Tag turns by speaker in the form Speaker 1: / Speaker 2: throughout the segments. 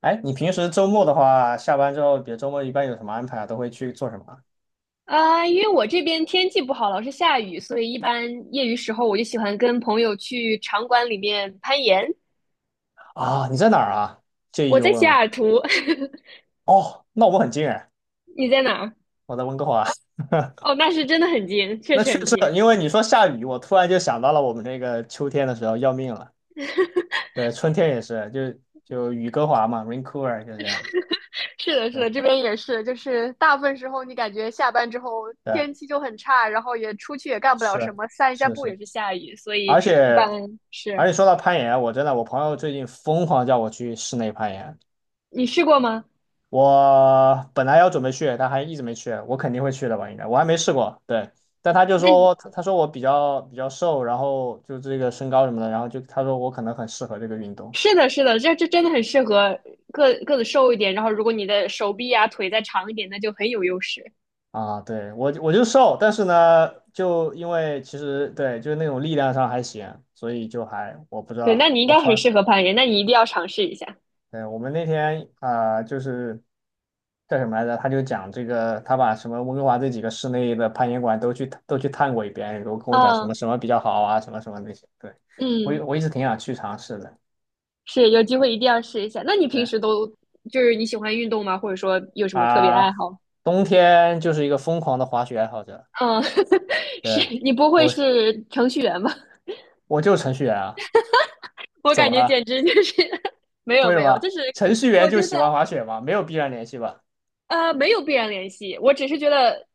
Speaker 1: 哎，你平时周末的话，下班之后，比如周末一般有什么安排啊？都会去做什么
Speaker 2: 啊，因为我这边天气不好，老是下雨，所以一般业余时候我就喜欢跟朋友去场馆里面攀岩。
Speaker 1: 啊？啊，你在哪儿啊？介意
Speaker 2: 我
Speaker 1: 又
Speaker 2: 在西
Speaker 1: 问吗？
Speaker 2: 雅图。
Speaker 1: 哦，那我们很近哎，
Speaker 2: 你在哪儿？
Speaker 1: 我在温哥华。
Speaker 2: 哦，那是真的很近，确
Speaker 1: 那
Speaker 2: 实
Speaker 1: 确
Speaker 2: 很
Speaker 1: 实，
Speaker 2: 近。
Speaker 1: 因为你说下雨，我突然就想到了我们这个秋天的时候要命了。对，春天也是，就雨哥华嘛， r a i n c o u v e r 就这样。
Speaker 2: 是的，是
Speaker 1: 对
Speaker 2: 的，这边也是，就是大部分时候你感觉下班之后
Speaker 1: 对，
Speaker 2: 天气就很差，然后也出去也干不了什
Speaker 1: 是
Speaker 2: 么，散一下
Speaker 1: 是
Speaker 2: 步
Speaker 1: 是，
Speaker 2: 也是下雨，所以
Speaker 1: 而
Speaker 2: 一
Speaker 1: 且
Speaker 2: 般是。
Speaker 1: 而且说到攀岩啊，我真的我朋友最近疯狂叫我去室内攀岩，
Speaker 2: 你试过吗？
Speaker 1: 我本来要准备去，但还一直没去。我肯定会去的吧？应该我还没试过。对，但他就
Speaker 2: 那你
Speaker 1: 说他说我比较瘦，然后就这个身高什么的，然后就他说我可能很适合这个运动
Speaker 2: 是的，是的，这真的很适合个子瘦一点，然后如果你的手臂啊腿再长一点，那就很有优势。
Speaker 1: 啊。对我就瘦，但是呢，就因为其实对就是那种力量上还行，所以就还我不知
Speaker 2: 对，那
Speaker 1: 道
Speaker 2: 你应
Speaker 1: 我
Speaker 2: 该
Speaker 1: 突
Speaker 2: 很
Speaker 1: 然
Speaker 2: 适合攀岩，那你一定要尝试一下。
Speaker 1: 对我们那天啊、就是叫什么来着？他就讲这个，他把什么温哥华这几个室内的攀岩馆都去探过一遍，然后跟我讲什
Speaker 2: 嗯
Speaker 1: 么什么比较好啊，什么什么那些。对，我
Speaker 2: 嗯，
Speaker 1: 我一直挺想去尝试的。
Speaker 2: 是，有机会一定要试一下。那你平
Speaker 1: 对
Speaker 2: 时都就是你喜欢运动吗？或者说有什么特别爱
Speaker 1: 啊，
Speaker 2: 好？
Speaker 1: 冬天就是一个疯狂的滑雪爱好者。
Speaker 2: 嗯，是
Speaker 1: 对，
Speaker 2: 你不会
Speaker 1: 我
Speaker 2: 是程序员吧？
Speaker 1: 我就是程序员啊，
Speaker 2: 我
Speaker 1: 怎
Speaker 2: 感
Speaker 1: 么
Speaker 2: 觉
Speaker 1: 了？
Speaker 2: 简直就是。 没有
Speaker 1: 为什
Speaker 2: 没有，就
Speaker 1: 么？
Speaker 2: 是
Speaker 1: 程序员
Speaker 2: 我
Speaker 1: 就
Speaker 2: 觉得
Speaker 1: 喜欢滑雪吗？没有必然联系吧？
Speaker 2: 没有必然联系，我只是觉得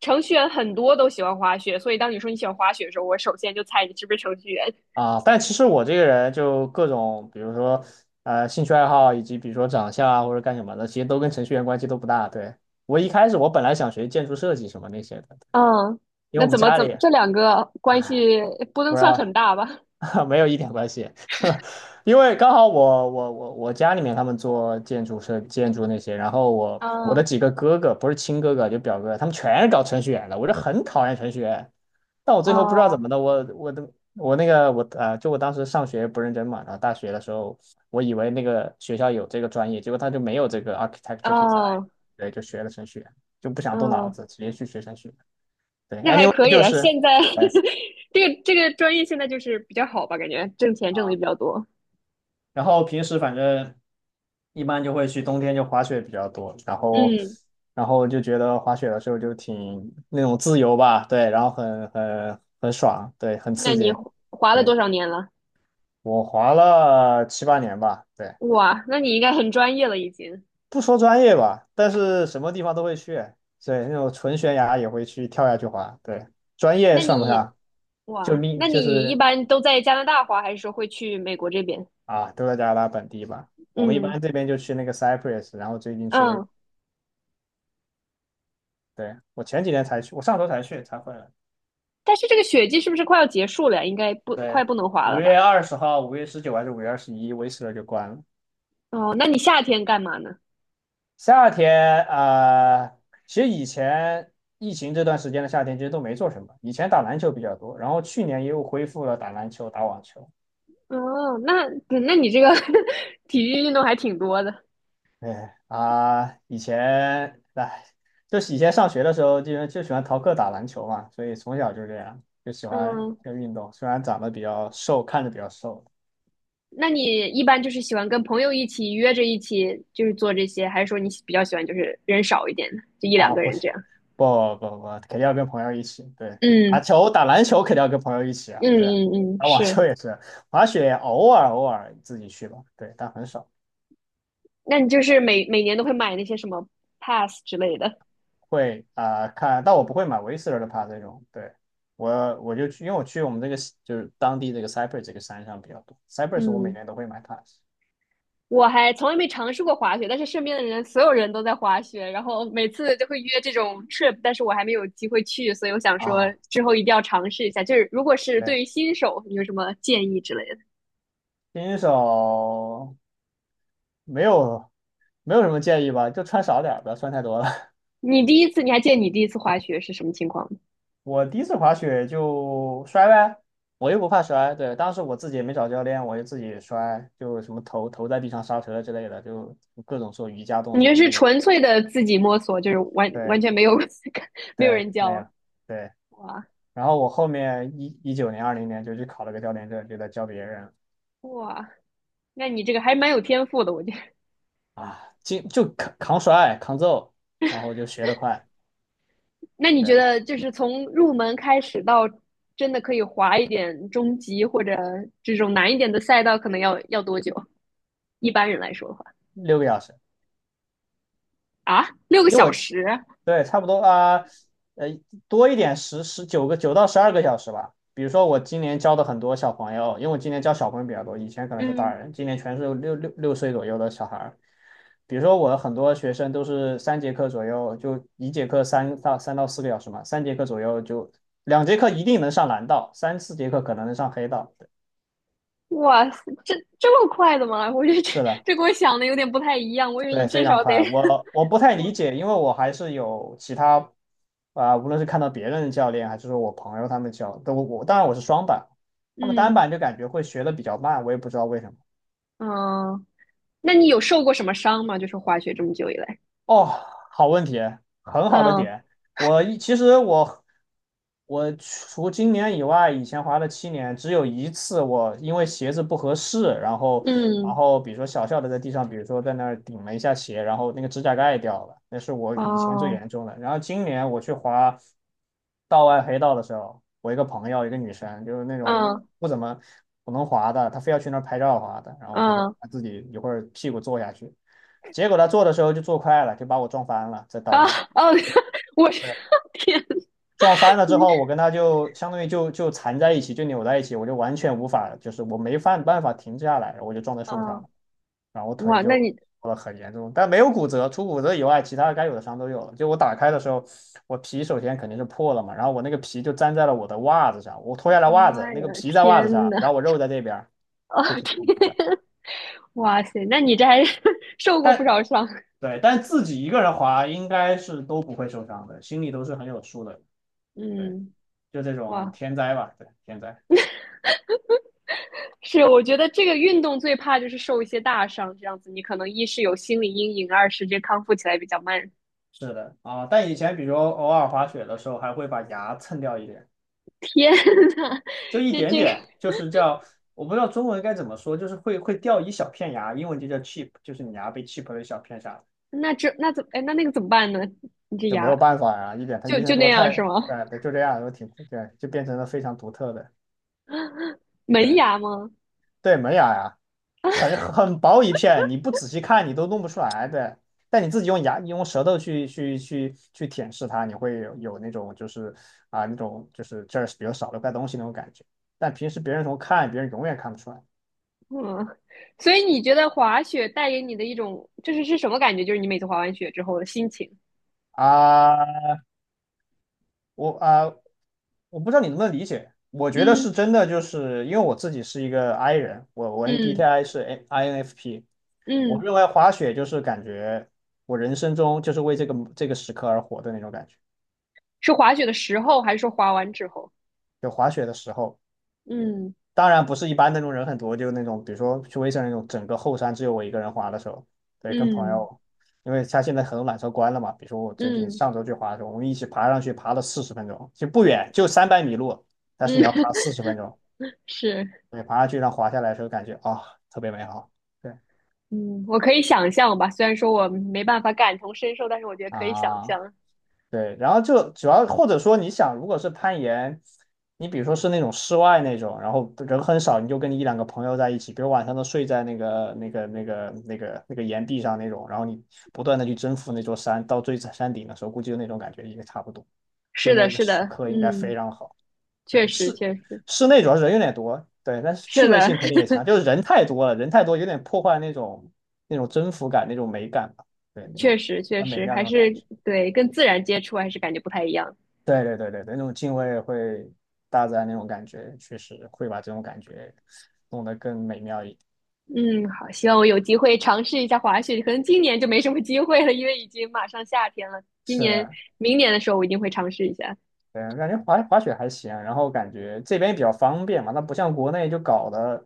Speaker 2: 程序员很多都喜欢滑雪，所以当你说你喜欢滑雪的时候，我首先就猜你是不是程序员。
Speaker 1: 啊，但其实我这个人就各种，比如说兴趣爱好，以及比如说长相啊或者干什么的，其实都跟程序员关系都不大。对，我一开始我本来想学建筑设计什么那些的，
Speaker 2: 嗯，
Speaker 1: 因为
Speaker 2: 那
Speaker 1: 我们
Speaker 2: 怎么
Speaker 1: 家
Speaker 2: 怎么
Speaker 1: 里
Speaker 2: 这两个关系不
Speaker 1: 不
Speaker 2: 能
Speaker 1: 知
Speaker 2: 算很
Speaker 1: 道
Speaker 2: 大吧？
Speaker 1: 没有一点关系，因为刚好我家里面他们做建筑设建筑那些，然后我的
Speaker 2: 嗯，
Speaker 1: 几个哥哥不是亲哥哥就表哥，他们全是搞程序员的，我就很讨厌程序员，但我最后不知道怎
Speaker 2: 哦，
Speaker 1: 么的，我的我那个我就我当时上学不认真嘛，然后大学的时候我以为那个学校有这个专业，结果他就没有这个 architecture design，
Speaker 2: 哦，
Speaker 1: 对，就学了程序员，就不想动脑
Speaker 2: 嗯，
Speaker 1: 子，直接去学程序员。对
Speaker 2: 那还
Speaker 1: ，anyway
Speaker 2: 可以
Speaker 1: 就
Speaker 2: 了。
Speaker 1: 是
Speaker 2: 现在
Speaker 1: 对
Speaker 2: 这个专业现在就是比较好吧，感觉挣钱挣的也比
Speaker 1: 啊。
Speaker 2: 较多。
Speaker 1: 然后平时反正一般就会去冬天就滑雪比较多，然后
Speaker 2: 嗯，
Speaker 1: 然后就觉得滑雪的时候就挺那种自由吧，对，然后很爽，对，很
Speaker 2: 那
Speaker 1: 刺
Speaker 2: 你
Speaker 1: 激。
Speaker 2: 滑了
Speaker 1: 对，
Speaker 2: 多少年了？
Speaker 1: 我滑了七八年吧，对，
Speaker 2: 哇，那你应该很专业了已经。
Speaker 1: 不说专业吧，但是什么地方都会去，对，那种纯悬崖也会去跳下去滑，对，专业
Speaker 2: 那
Speaker 1: 算不
Speaker 2: 你
Speaker 1: 上，就
Speaker 2: 哇，
Speaker 1: 命
Speaker 2: 那
Speaker 1: 就
Speaker 2: 你一
Speaker 1: 是
Speaker 2: 般都在加拿大滑，还是说会去美国这边？
Speaker 1: 啊，都在加拿大本地吧。我们一
Speaker 2: 嗯
Speaker 1: 般这边就去那个 c y p r u s s 然后最近去威
Speaker 2: 嗯，
Speaker 1: 对，我前几天才去，我上周才去才回来。
Speaker 2: 但是这个雪季是不是快要结束了呀？应该
Speaker 1: 对，
Speaker 2: 不能滑
Speaker 1: 五
Speaker 2: 了
Speaker 1: 月
Speaker 2: 吧？
Speaker 1: 二十号、5月19还是5月21，威斯勒就关了。
Speaker 2: 哦，那你夏天干嘛呢？
Speaker 1: 夏天啊、其实以前疫情这段时间的夏天其实都没做什么，以前打篮球比较多，然后去年又恢复了打篮球、打网球。
Speaker 2: 哦，那你这个 体育运动还挺多的。
Speaker 1: 哎啊、以前哎，就是以前上学的时候就喜欢逃课打篮球嘛，所以从小就这样，就喜欢
Speaker 2: 嗯，
Speaker 1: 这个运动。虽然长得比较瘦，看着比较瘦，
Speaker 2: 那你一般就是喜欢跟朋友一起约着一起就是做这些，还是说你比较喜欢就是人少一点的，就一两
Speaker 1: 啊，
Speaker 2: 个
Speaker 1: 不
Speaker 2: 人这
Speaker 1: 行，
Speaker 2: 样？
Speaker 1: 不不不，肯定要跟朋友一起。对，打
Speaker 2: 嗯
Speaker 1: 球、打篮球肯定要跟朋友一起啊。
Speaker 2: 嗯
Speaker 1: 对啊，
Speaker 2: 嗯嗯，
Speaker 1: 打网
Speaker 2: 是。
Speaker 1: 球也是，滑雪偶尔自己去吧。对，但很少
Speaker 2: 那你就是每年都会买那些什么 pass 之类的？
Speaker 1: 会啊、看，但我不会买维斯勒的帕这种。对，我就去，因为我去我们这个就是当地这个 Cypress 这个山上比较多。Cypress 我每
Speaker 2: 嗯，
Speaker 1: 年都会买帕
Speaker 2: 我还从来没尝试过滑雪，但是身边的人所有人都在滑雪，然后每次就会约这种 trip,但是我还没有机会去，所以我想说
Speaker 1: 啊。
Speaker 2: 之后一定要尝试一下。就是如果是
Speaker 1: 对，
Speaker 2: 对于新手，你有什么建议之类的？
Speaker 1: 新手没有没有什么建议吧，就穿少点儿不要穿太多了。
Speaker 2: 你还记得你第一次滑雪是什么情况吗？
Speaker 1: 我第一次滑雪就摔呗，我又不怕摔。对，当时我自己也没找教练，我就自己摔，就什么头在地上刹车之类的，就各种做瑜伽动
Speaker 2: 你就
Speaker 1: 作
Speaker 2: 是
Speaker 1: 那种。
Speaker 2: 纯粹的自己摸索，就是完完
Speaker 1: 对
Speaker 2: 全没有 没有
Speaker 1: 对，
Speaker 2: 人
Speaker 1: 没有
Speaker 2: 教，
Speaker 1: 对。
Speaker 2: 哇
Speaker 1: 然后我后面一九年、2020年就去考了个教练证，就在教别人
Speaker 2: 哇，那你这个还蛮有天赋的，我觉得。
Speaker 1: 啊，就扛摔、扛揍，然后就学得快，
Speaker 2: 那你觉
Speaker 1: 对，
Speaker 2: 得就是从入门开始到真的可以滑一点中级或者这种难一点的赛道，可能要多久？一般人来说的话。
Speaker 1: 6个小时。
Speaker 2: 啊，六个
Speaker 1: 因为
Speaker 2: 小
Speaker 1: 我
Speaker 2: 时，
Speaker 1: 对，差不多啊，呃，多一点十十九个9到12个小时吧。比如说我今年教的很多小朋友，因为我今年教小朋友比较多，以前可能是大
Speaker 2: 嗯，
Speaker 1: 人，今年全是6岁左右的小孩儿。比如说我很多学生都是三节课左右，就一节课3到4个小时嘛，三节课左右就2节课一定能上蓝道，3、4节课可能能上黑道。对
Speaker 2: 哇塞，这么快的吗？我觉得这
Speaker 1: 是的。
Speaker 2: 这跟我想的有点不太一样，我以为你
Speaker 1: 对，非
Speaker 2: 至少
Speaker 1: 常
Speaker 2: 得。
Speaker 1: 快。我不太
Speaker 2: 我
Speaker 1: 理解，因为我还是有其他啊、无论是看到别人的教练，还是说我朋友他们教，都我当然我是双板，他们单
Speaker 2: 嗯
Speaker 1: 板就感觉会学的比较慢，我也不知道为什么。
Speaker 2: 嗯。那你有受过什么伤吗？就是滑雪这么久以来，
Speaker 1: 哦，好问题，很好的
Speaker 2: 嗯
Speaker 1: 点。我一其实我我除今年以外，以前滑了7年，只有一次我因为鞋子不合适，然后然
Speaker 2: 嗯，
Speaker 1: 后比如说小小的在地上，比如说在那儿顶了一下鞋，然后那个指甲盖掉了，那是我以前最
Speaker 2: 哦，
Speaker 1: 严重的。然后今年我去滑道外黑道的时候，我一个朋友，一个女生，就是那种
Speaker 2: 嗯
Speaker 1: 不怎么不能滑的，她非要去那儿拍照滑的，然后她说
Speaker 2: 嗯，
Speaker 1: 她自己一会儿屁股坐下去。结果他做的时候就做快了，就把我撞翻了，在道
Speaker 2: 啊，
Speaker 1: 上。
Speaker 2: 哦。我。
Speaker 1: 对，
Speaker 2: 天
Speaker 1: 撞翻了之后，我跟他就相当于就缠在一起，就扭在一起，我就完全无法，就是我没办法停下来，我就撞在
Speaker 2: 啊，
Speaker 1: 树上
Speaker 2: 哦，
Speaker 1: 了，然后我腿
Speaker 2: 哇，
Speaker 1: 就
Speaker 2: 那你。
Speaker 1: 受了很严重，但没有骨折，除骨折以外，其他该有的伤都有了。就我打开的时候，我皮首先肯定是破了嘛，然后我那个皮就粘在了我的袜子上，我脱下来袜子，
Speaker 2: 妈
Speaker 1: 那
Speaker 2: 呀，
Speaker 1: 个皮在袜子
Speaker 2: 天
Speaker 1: 上，
Speaker 2: 呐。
Speaker 1: 然后我肉在这边
Speaker 2: 哦
Speaker 1: 就挺
Speaker 2: 天，
Speaker 1: 恐怖的。
Speaker 2: 哇塞，那你这还 受过不
Speaker 1: 但
Speaker 2: 少伤。
Speaker 1: 对，但自己一个人滑应该是都不会受伤的，心里都是很有数的。对，
Speaker 2: 嗯，
Speaker 1: 就这种
Speaker 2: 哇，
Speaker 1: 天灾吧，对，天灾
Speaker 2: 是，我觉得这个运动最怕就是受一些大伤，这样子你可能一是有心理阴影，二是这康复起来比较慢。
Speaker 1: 是的啊。但以前比如偶尔滑雪的时候，还会把牙蹭掉一点，
Speaker 2: 天呐，
Speaker 1: 就一
Speaker 2: 那
Speaker 1: 点
Speaker 2: 这个
Speaker 1: 点，就是叫我不知道中文该怎么说，就是会掉一小片牙，英文就叫 chip,就是你牙被 chip 了一小片下来，
Speaker 2: 那这那怎哎那那个怎么办呢？你这
Speaker 1: 就没
Speaker 2: 牙
Speaker 1: 有办法呀、一点他
Speaker 2: 就
Speaker 1: 医
Speaker 2: 就
Speaker 1: 生
Speaker 2: 那
Speaker 1: 说
Speaker 2: 样
Speaker 1: 太，
Speaker 2: 是吗？
Speaker 1: 对对，就这样，就挺对，就变成了非常独特的，
Speaker 2: 门
Speaker 1: 对
Speaker 2: 牙吗？
Speaker 1: 对，门牙呀。很很薄一片，你不仔细看你都弄不出来对，但你自己用牙、你用舌头去舔舐它，你会有那种就是啊那种就是这儿比较少的块东西那种感觉。但平时别人从看，别人永远看不出来
Speaker 2: 嗯，所以你觉得滑雪带给你的一种，就是什么感觉？就是你每次滑完雪之后的心情？
Speaker 1: 啊。我啊，我不知道你能不能理解。我觉得
Speaker 2: 嗯
Speaker 1: 是真的，就是因为我自己是一个 I 人，我 N b t
Speaker 2: 嗯
Speaker 1: i 是 N- INFP。我
Speaker 2: 嗯，
Speaker 1: 认为滑雪就是感觉我人生中就是为这个时刻而活的那种感觉。
Speaker 2: 是滑雪的时候，还是说滑完之后？
Speaker 1: 就滑雪的时候。
Speaker 2: 嗯
Speaker 1: 当然不是一般那种人很多，就那种比如说去威森那种整个后山只有我一个人滑的时候，对，跟朋
Speaker 2: 嗯
Speaker 1: 友，因为他现在很多缆车关了嘛，比如说我最近
Speaker 2: 嗯
Speaker 1: 上周去滑的时候，我们一起爬上去，爬了四十分钟，其实不远，就300米路，但是
Speaker 2: 嗯。
Speaker 1: 你要爬 四十分钟，
Speaker 2: 是，
Speaker 1: 对，爬上去让滑下来的时候感觉啊、特别美好，对
Speaker 2: 嗯，我可以想象吧。虽然说我没办法感同身受，但是我觉得可以想
Speaker 1: 啊，
Speaker 2: 象。
Speaker 1: 对，然后就主要或者说你想，如果是攀岩，你比如说是那种室外那种，然后人很少，你就跟你一两个朋友在一起，比如晚上都睡在那个岩壁上那种，然后你不断的去征服那座山，到最山顶的时候，估计就那种感觉也差不多，就
Speaker 2: 是的，
Speaker 1: 那个
Speaker 2: 是
Speaker 1: 时
Speaker 2: 的，
Speaker 1: 刻应该非
Speaker 2: 嗯，
Speaker 1: 常好。
Speaker 2: 确
Speaker 1: 对，
Speaker 2: 实
Speaker 1: 室
Speaker 2: 确实
Speaker 1: 室内主要是人有点多，对，但是趣
Speaker 2: 是
Speaker 1: 味
Speaker 2: 的。
Speaker 1: 性肯定也强，就 是人太多了，人太多有点破坏那种征服感、那种美感吧，对，那
Speaker 2: 确
Speaker 1: 种
Speaker 2: 实确
Speaker 1: 很美
Speaker 2: 实，
Speaker 1: 妙那
Speaker 2: 还
Speaker 1: 种感
Speaker 2: 是
Speaker 1: 觉。
Speaker 2: 对跟自然接触还是感觉不太一样。
Speaker 1: 对对对对对，那种敬畏会大自然那种感觉，确实会把这种感觉弄得更美妙一点。
Speaker 2: 嗯，好，希望我有机会尝试一下滑雪，可能今年就没什么机会了，因为已经马上夏天了。今
Speaker 1: 是
Speaker 2: 年、
Speaker 1: 的，
Speaker 2: 明年的时候，我一定会尝试一下。
Speaker 1: 对，感觉滑雪还行啊，然后感觉这边比较方便嘛，它不像国内就搞得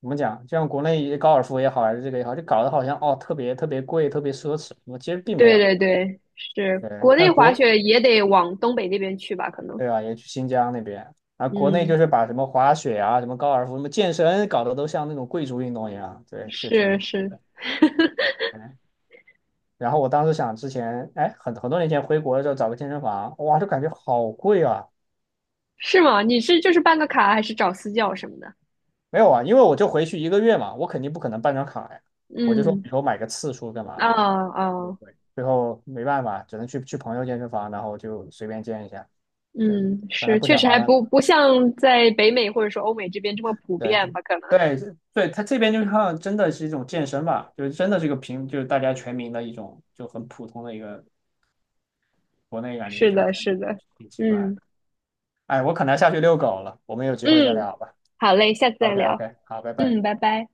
Speaker 1: 怎么讲，就像国内高尔夫也好，还是这个也好，就搞得好像哦特别特别贵，特别奢侈。我其实并没
Speaker 2: 对
Speaker 1: 有，
Speaker 2: 对对，是
Speaker 1: 对，
Speaker 2: 国内
Speaker 1: 像
Speaker 2: 滑
Speaker 1: 国
Speaker 2: 雪也得往东北那边去吧？可能，
Speaker 1: 对吧，也去新疆那边，啊，国内
Speaker 2: 嗯，
Speaker 1: 就是把什么滑雪啊、什么高尔夫、什么健身搞得都像那种贵族运动一样，对，就挺
Speaker 2: 是
Speaker 1: 离谱
Speaker 2: 是
Speaker 1: 的。然后我当时想，之前哎，很多年前回国的时候找个健身房，哇，就感觉好贵啊。
Speaker 2: 是吗？你是就是办个卡，还是找私教什么的？
Speaker 1: 没有啊，因为我就回去一个月嘛，我肯定不可能办张卡呀。我就说
Speaker 2: 嗯，
Speaker 1: 以后买个次数干
Speaker 2: 啊
Speaker 1: 嘛的，
Speaker 2: 啊，
Speaker 1: 对对，最后没办法，只能去朋友健身房，然后就随便健一下。对，
Speaker 2: 嗯，
Speaker 1: 本来
Speaker 2: 是，
Speaker 1: 不
Speaker 2: 确
Speaker 1: 想
Speaker 2: 实
Speaker 1: 麻
Speaker 2: 还
Speaker 1: 烦
Speaker 2: 不像在北美或者说欧美这边这么普
Speaker 1: 对
Speaker 2: 遍吧？可能。
Speaker 1: 对对，他这边就像真的是一种健身吧，就是真的是个平，就是大家全民的一种，就很普通的一个国内感觉，
Speaker 2: 是
Speaker 1: 就是
Speaker 2: 的，
Speaker 1: 真的
Speaker 2: 是的，
Speaker 1: 挺奇怪的。
Speaker 2: 嗯
Speaker 1: 哎，我可能要下去遛狗了，我们有机会再
Speaker 2: 嗯，
Speaker 1: 聊吧。
Speaker 2: 好嘞，下次再
Speaker 1: OK
Speaker 2: 聊，
Speaker 1: OK，好，拜拜。
Speaker 2: 嗯，拜拜。